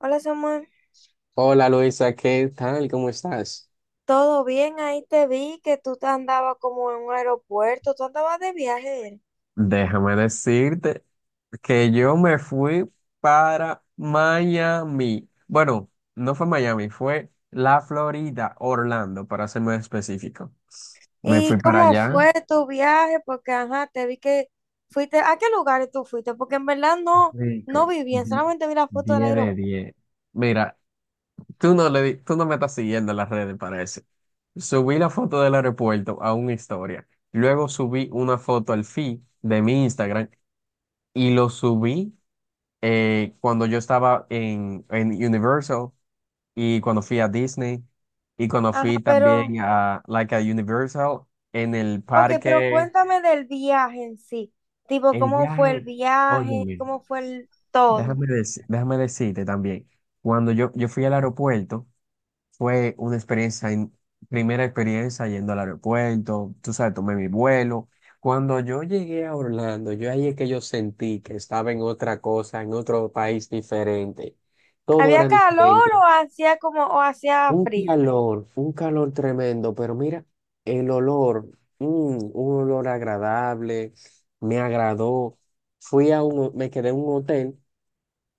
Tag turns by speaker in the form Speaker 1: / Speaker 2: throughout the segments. Speaker 1: Hola Samuel,
Speaker 2: Hola Luisa, ¿qué tal? ¿Cómo estás?
Speaker 1: ¿todo bien? Ahí te vi que tú te andabas como en un aeropuerto, tú andabas de viaje. Era.
Speaker 2: Déjame decirte que yo me fui para Miami. Bueno, no fue Miami, fue la Florida, Orlando, para ser más específico. Me
Speaker 1: ¿Y
Speaker 2: fui para
Speaker 1: cómo
Speaker 2: allá.
Speaker 1: fue tu viaje? Porque, ajá, te vi que fuiste, ¿a qué lugares tú fuiste? Porque en verdad no, no
Speaker 2: Rico,
Speaker 1: vi bien, solamente vi la foto del
Speaker 2: 10 de
Speaker 1: aeropuerto.
Speaker 2: 10. Mira, tú no me estás siguiendo en las redes, parece. Subí la foto del aeropuerto a una historia. Luego subí una foto al feed de mi Instagram y lo subí. Cuando yo estaba en Universal y cuando fui a Disney y cuando
Speaker 1: Ajá,
Speaker 2: fui
Speaker 1: pero,
Speaker 2: también a, like a Universal en el
Speaker 1: ok, pero
Speaker 2: parque,
Speaker 1: cuéntame del viaje en sí, tipo,
Speaker 2: el
Speaker 1: ¿cómo fue el
Speaker 2: viaje,
Speaker 1: viaje?
Speaker 2: óyeme,
Speaker 1: ¿Cómo fue el todo?
Speaker 2: déjame decirte también, cuando yo fui al aeropuerto, fue una primera experiencia yendo al aeropuerto, tú sabes, tomé mi vuelo. Cuando yo llegué a Orlando, yo ahí es que yo sentí que estaba en otra cosa, en otro país diferente. Todo
Speaker 1: ¿Había
Speaker 2: era
Speaker 1: calor
Speaker 2: diferente.
Speaker 1: o hacía como, o hacía frío?
Speaker 2: Un calor tremendo, pero mira, el olor, mm, un olor agradable, me agradó. Fui a un, ho- Me quedé en un hotel,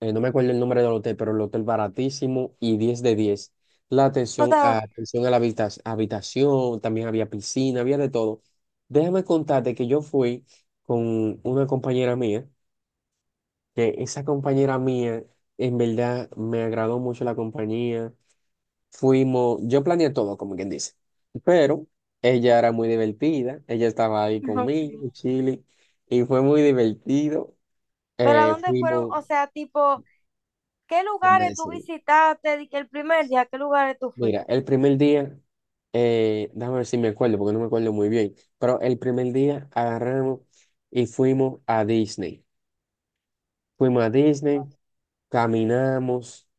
Speaker 2: no me acuerdo el nombre del hotel, pero el hotel baratísimo y 10 de 10.
Speaker 1: O sea,
Speaker 2: Atención a la habitación, también había piscina, había de todo. Déjame contarte que yo fui con una compañera mía, que esa compañera mía, en verdad, me agradó mucho la compañía. Fuimos, yo planeé todo, como quien dice, pero ella era muy divertida, ella estaba ahí
Speaker 1: ajá.
Speaker 2: conmigo, chile, y fue muy divertido.
Speaker 1: ¿Pero a dónde fueron?
Speaker 2: Fuimos,
Speaker 1: O sea, tipo, ¿qué
Speaker 2: déjame
Speaker 1: lugares tú
Speaker 2: decir,
Speaker 1: visitaste? Di que el primer día, ¿qué lugares tú
Speaker 2: mira,
Speaker 1: fuiste?
Speaker 2: el primer día, déjame ver si me acuerdo, porque no me acuerdo muy bien, pero el primer día agarramos y fuimos a Disney. Fuimos a Disney, caminamos,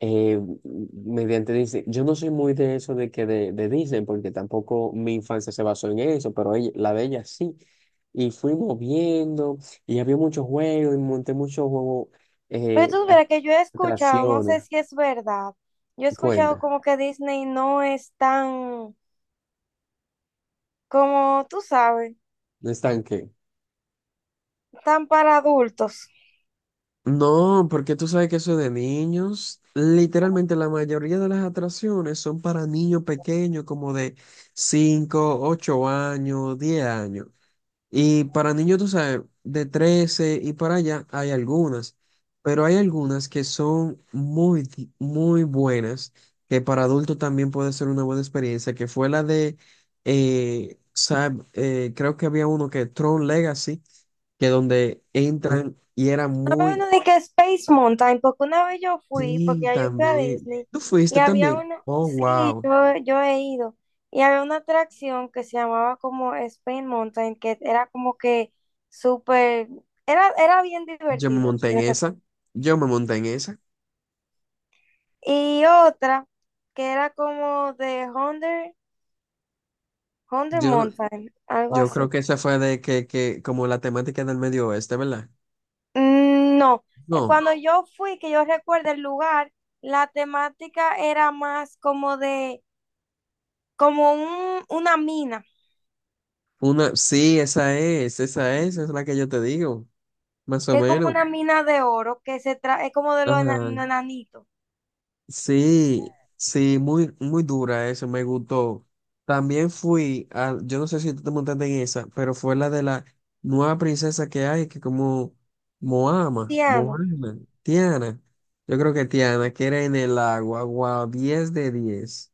Speaker 2: mediante Disney. Yo no soy muy de eso de que de Disney, porque tampoco mi infancia se basó en eso, pero ella- la de ella sí. Y fuimos viendo, y había muchos juegos, y monté muchos juegos,
Speaker 1: Pero
Speaker 2: eh,
Speaker 1: tú verás que yo he escuchado, no
Speaker 2: atracciones.
Speaker 1: sé si es verdad, yo he escuchado
Speaker 2: Cuenta,
Speaker 1: como que Disney no es tan, como tú sabes,
Speaker 2: ¿no están qué?
Speaker 1: tan para adultos.
Speaker 2: No, porque tú sabes que eso es de niños, literalmente la mayoría de las atracciones son para niños pequeños, como de 5 8 años, 10 años. Y para niños, tú sabes, de 13 y para allá hay algunas, pero hay algunas que son muy, muy buenas, que para adultos también puede ser una buena experiencia, que fue la de, creo que había uno que Tron Legacy, que donde entran y era
Speaker 1: No me
Speaker 2: muy,
Speaker 1: vino de que Space Mountain, porque una vez yo fui, porque
Speaker 2: sí,
Speaker 1: ya yo fui a
Speaker 2: también.
Speaker 1: Disney,
Speaker 2: ¿Tú
Speaker 1: y
Speaker 2: fuiste
Speaker 1: había
Speaker 2: también?
Speaker 1: una,
Speaker 2: Oh,
Speaker 1: sí,
Speaker 2: wow.
Speaker 1: yo he ido, y había una atracción que se llamaba como Space Mountain, que era como que súper, era bien
Speaker 2: Yo me
Speaker 1: divertido.
Speaker 2: monté en esa, yo me monté en esa.
Speaker 1: Y otra que era como de Hunter, Hunter
Speaker 2: Yo, no-
Speaker 1: Mountain, algo
Speaker 2: Yo
Speaker 1: así.
Speaker 2: creo que esa fue que como la temática del medio oeste, ¿verdad?
Speaker 1: Mm, no,
Speaker 2: No,
Speaker 1: cuando yo fui, que yo recuerdo el lugar, la temática era más como de, como un, una mina,
Speaker 2: una, sí, esa es la que yo te digo, más o
Speaker 1: que es como
Speaker 2: menos.
Speaker 1: una mina de oro, que se trae, es como de los
Speaker 2: Ajá.
Speaker 1: enanitos.
Speaker 2: Sí, sí, muy, muy dura eso, me gustó. También fui a, yo no sé si tú te montaste en esa, pero fue la de la nueva princesa que hay, que como
Speaker 1: Tiano.
Speaker 2: Moana, Tiana, yo creo que Tiana, que era en el agua, wow, 10 de 10.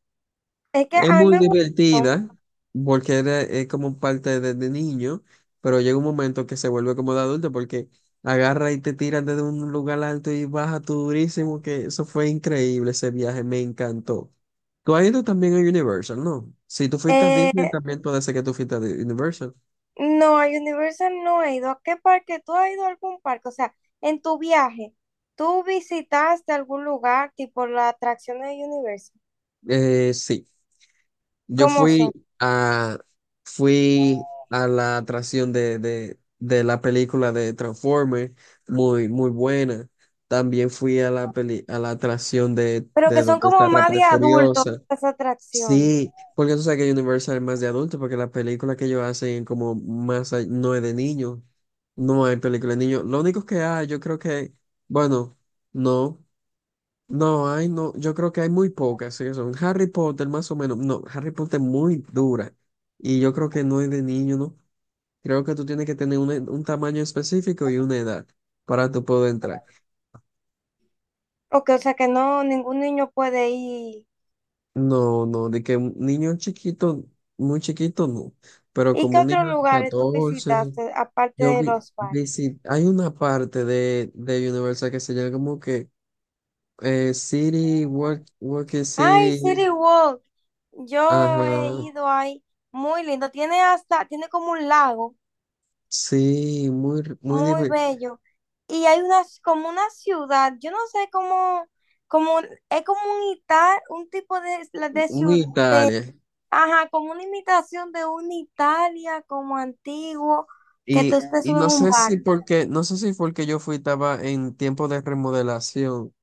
Speaker 1: Es que
Speaker 2: Es
Speaker 1: a mí
Speaker 2: muy
Speaker 1: me gustó.
Speaker 2: divertida porque era, es como parte desde niño, pero llega un momento que se vuelve como de adulto porque agarra y te tiran desde un lugar alto y baja tú durísimo, que eso fue increíble, ese viaje me encantó. Tú has ido también a Universal, ¿no? Si tú fuiste a Disney,
Speaker 1: eh,
Speaker 2: también puede ser que tú fuiste a Universal.
Speaker 1: No, a Universal no he ido. ¿A qué parque? ¿Tú has ido a algún parque? O sea, en tu viaje, ¿tú visitaste algún lugar tipo las atracciones de Universal?
Speaker 2: Sí. Yo
Speaker 1: ¿Cómo
Speaker 2: fui
Speaker 1: son?
Speaker 2: a, fui a la atracción de la película de Transformers, muy, muy buena. También fui a la peli, a la atracción
Speaker 1: Pero
Speaker 2: de
Speaker 1: que son
Speaker 2: donde está
Speaker 1: como más
Speaker 2: Rápida y
Speaker 1: de adultos
Speaker 2: Furiosa.
Speaker 1: las atracciones.
Speaker 2: Sí, porque tú sabes que Universal es más de adulto, porque las películas que ellos hacen como más, no es de niños. No hay película de niños. Lo único que hay, yo creo que, bueno, no. No, hay no, yo creo que hay muy pocas, sí, son Harry Potter más o menos. No, Harry Potter es muy dura. Y yo creo que no es de niño, ¿no? Creo que tú tienes que tener un tamaño específico y una edad para tú poder entrar.
Speaker 1: Ok, o sea que no, ningún niño puede ir.
Speaker 2: No, no, de que un niño chiquito, muy chiquito, no. Pero
Speaker 1: ¿Y qué
Speaker 2: como un niño
Speaker 1: otros
Speaker 2: de
Speaker 1: lugares tú
Speaker 2: 14,
Speaker 1: visitaste aparte
Speaker 2: yo
Speaker 1: de los parques?
Speaker 2: Hay una parte de Universal que se llama como que City, Work, Working
Speaker 1: Ay,
Speaker 2: City,
Speaker 1: City Walk. Yo he
Speaker 2: ajá.
Speaker 1: ido ahí, muy lindo. Tiene hasta, tiene como un lago
Speaker 2: Sí, muy, muy,
Speaker 1: muy
Speaker 2: diver-
Speaker 1: bello. Y hay una, como una ciudad, yo no sé cómo, como, es como un un tipo de
Speaker 2: Un
Speaker 1: ciudad,
Speaker 2: Italia.
Speaker 1: ajá, como una imitación de una Italia como antiguo, que tú te subes
Speaker 2: Y
Speaker 1: en
Speaker 2: no
Speaker 1: un
Speaker 2: sé si
Speaker 1: bar.
Speaker 2: porque, no sé si fue el que yo fui, estaba en tiempo de remodelación,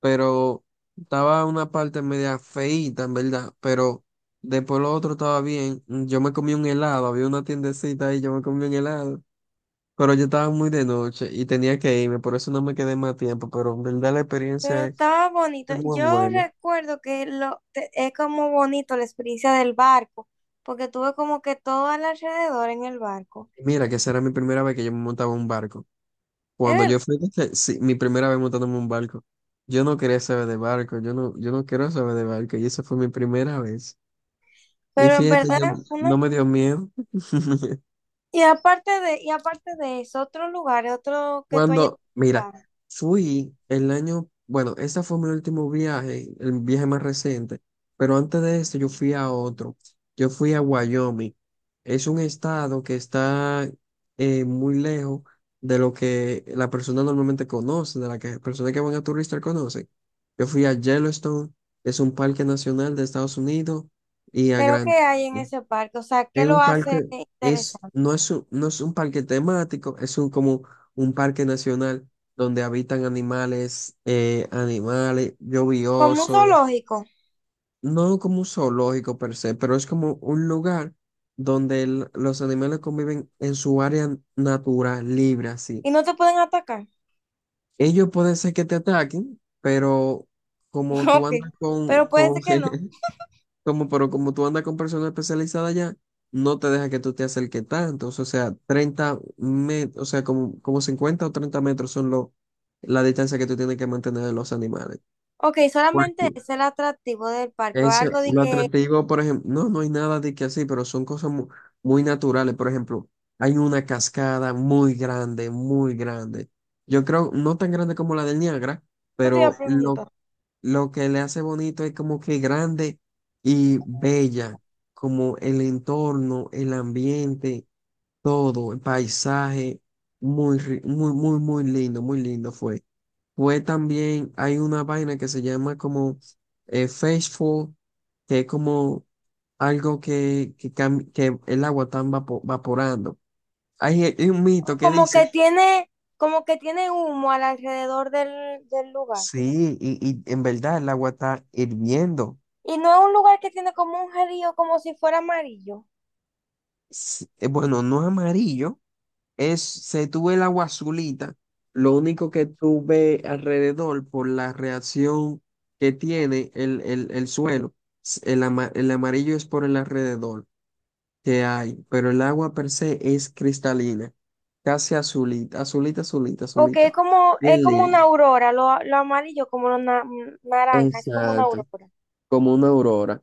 Speaker 2: pero estaba una parte media feíta, en verdad, pero después lo otro estaba bien. Yo me comí un helado, había una tiendecita ahí, yo me comí un helado, pero yo estaba muy de noche y tenía que irme, por eso no me quedé más tiempo, pero en verdad la
Speaker 1: Pero
Speaker 2: experiencia
Speaker 1: estaba bonito.
Speaker 2: es muy
Speaker 1: Yo
Speaker 2: buena.
Speaker 1: recuerdo que lo, es como bonito la experiencia del barco, porque tuve como que todo al alrededor en el barco.
Speaker 2: Mira, que esa era mi primera vez que yo me montaba en un barco.
Speaker 1: Es
Speaker 2: Cuando
Speaker 1: verdad.
Speaker 2: yo fui, que- sí, mi primera vez montándome en un barco, yo no quería saber de barco, yo no, yo no quiero saber de barco, y esa fue mi primera vez. Y
Speaker 1: Pero en
Speaker 2: fíjate,
Speaker 1: verdad,
Speaker 2: yo
Speaker 1: fue una...
Speaker 2: no me dio miedo.
Speaker 1: Y aparte de, y aparte de eso, otro lugar, otro que tú hayas
Speaker 2: Cuando, mira,
Speaker 1: visitado,
Speaker 2: fui el año, bueno, ese fue mi último viaje, el viaje más reciente, pero antes de esto yo fui a otro, yo fui a Wyoming. Es un estado que está muy lejos de lo que la persona normalmente conoce, de la que personas que van a turistas conocen. Yo fui a Yellowstone, es un parque nacional de Estados Unidos, y a
Speaker 1: pero ¿qué
Speaker 2: Grand.
Speaker 1: hay en ese parque? O sea, ¿qué
Speaker 2: Es
Speaker 1: lo
Speaker 2: un parque,
Speaker 1: hace
Speaker 2: es,
Speaker 1: interesante?
Speaker 2: no es un, no es un parque temático, es un, como un parque nacional donde habitan animales, animales yo vi
Speaker 1: ¿Como un
Speaker 2: osos.
Speaker 1: zoológico,
Speaker 2: No como un zoológico per se, pero es como un lugar donde los animales conviven en su área natural, libre, así.
Speaker 1: y no te pueden atacar?
Speaker 2: Ellos pueden ser que te ataquen, pero como tú
Speaker 1: Ok,
Speaker 2: andas
Speaker 1: pero puede
Speaker 2: con,
Speaker 1: ser que no.
Speaker 2: Como, pero como tú andas con personas especializadas ya, no te deja que tú te acerques tanto. O sea, 30 metros, o sea, como, como 50 o 30 metros son lo, la distancia que tú tienes que mantener de los animales.
Speaker 1: Ok, ¿solamente
Speaker 2: Cualquier-
Speaker 1: es el atractivo del parque, o
Speaker 2: Eso,
Speaker 1: algo de
Speaker 2: lo
Speaker 1: que,
Speaker 2: atractivo, por ejemplo, no, no hay nada de que así, pero son cosas muy, naturales. Por ejemplo, hay una cascada muy grande, muy grande. Yo creo, no tan grande como la del Niágara,
Speaker 1: esto te iba a
Speaker 2: pero
Speaker 1: preguntar?
Speaker 2: lo que le hace bonito es como que grande y bella, como el entorno, el ambiente, todo, el paisaje, muy, muy, muy, muy lindo fue. Fue también, hay una vaina que se llama como Faithful, que es como algo que, que el agua está vaporando. Hay un
Speaker 1: O
Speaker 2: mito que dice,
Speaker 1: como que tiene humo al alrededor del, del lugar.
Speaker 2: sí, y en verdad el agua está hirviendo.
Speaker 1: ¿Y no es un lugar que tiene como un río, como si fuera amarillo?
Speaker 2: Sí, bueno, no es amarillo. Es, se tuve el agua azulita, lo único que tuve alrededor por la reacción que tiene el suelo, el amarillo es por el alrededor que hay, pero el agua per se es cristalina, casi azulita, azulita, azulita,
Speaker 1: O que
Speaker 2: azulita.
Speaker 1: es
Speaker 2: Bien
Speaker 1: como una
Speaker 2: lindo.
Speaker 1: aurora, lo amarillo como lo naranja, es como una
Speaker 2: Exacto,
Speaker 1: aurora.
Speaker 2: como una aurora.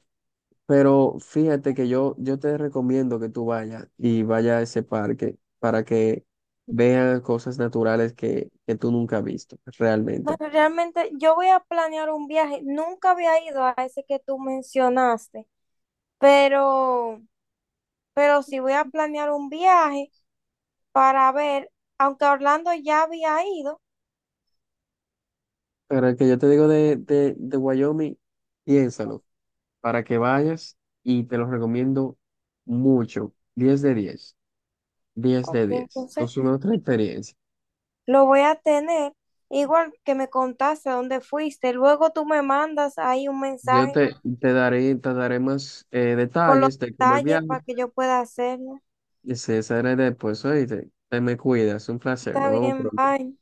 Speaker 2: Pero fíjate que yo te recomiendo que tú vayas y vayas a ese parque para que veas cosas naturales que tú nunca has visto realmente.
Speaker 1: Bueno, realmente yo voy a planear un viaje. Nunca había ido a ese que tú mencionaste, pero, pero sí voy a planear un viaje para ver, aunque a Orlando ya había ido,
Speaker 2: Pero el que yo te digo de Wyoming, piénsalo, para que vayas y te lo recomiendo mucho. Diez de diez, 10
Speaker 1: ok,
Speaker 2: de diez.
Speaker 1: entonces
Speaker 2: Es una otra experiencia.
Speaker 1: lo voy a tener. Igual que me contaste dónde fuiste, luego tú me mandas ahí un mensaje
Speaker 2: Te daré más
Speaker 1: con los
Speaker 2: detalles de cómo el
Speaker 1: detalles
Speaker 2: viaje.
Speaker 1: para que yo pueda hacerlo.
Speaker 2: Y se será después, oíste. Te me cuidas, un placer, nos
Speaker 1: Está
Speaker 2: vemos
Speaker 1: bien,
Speaker 2: pronto.
Speaker 1: bye.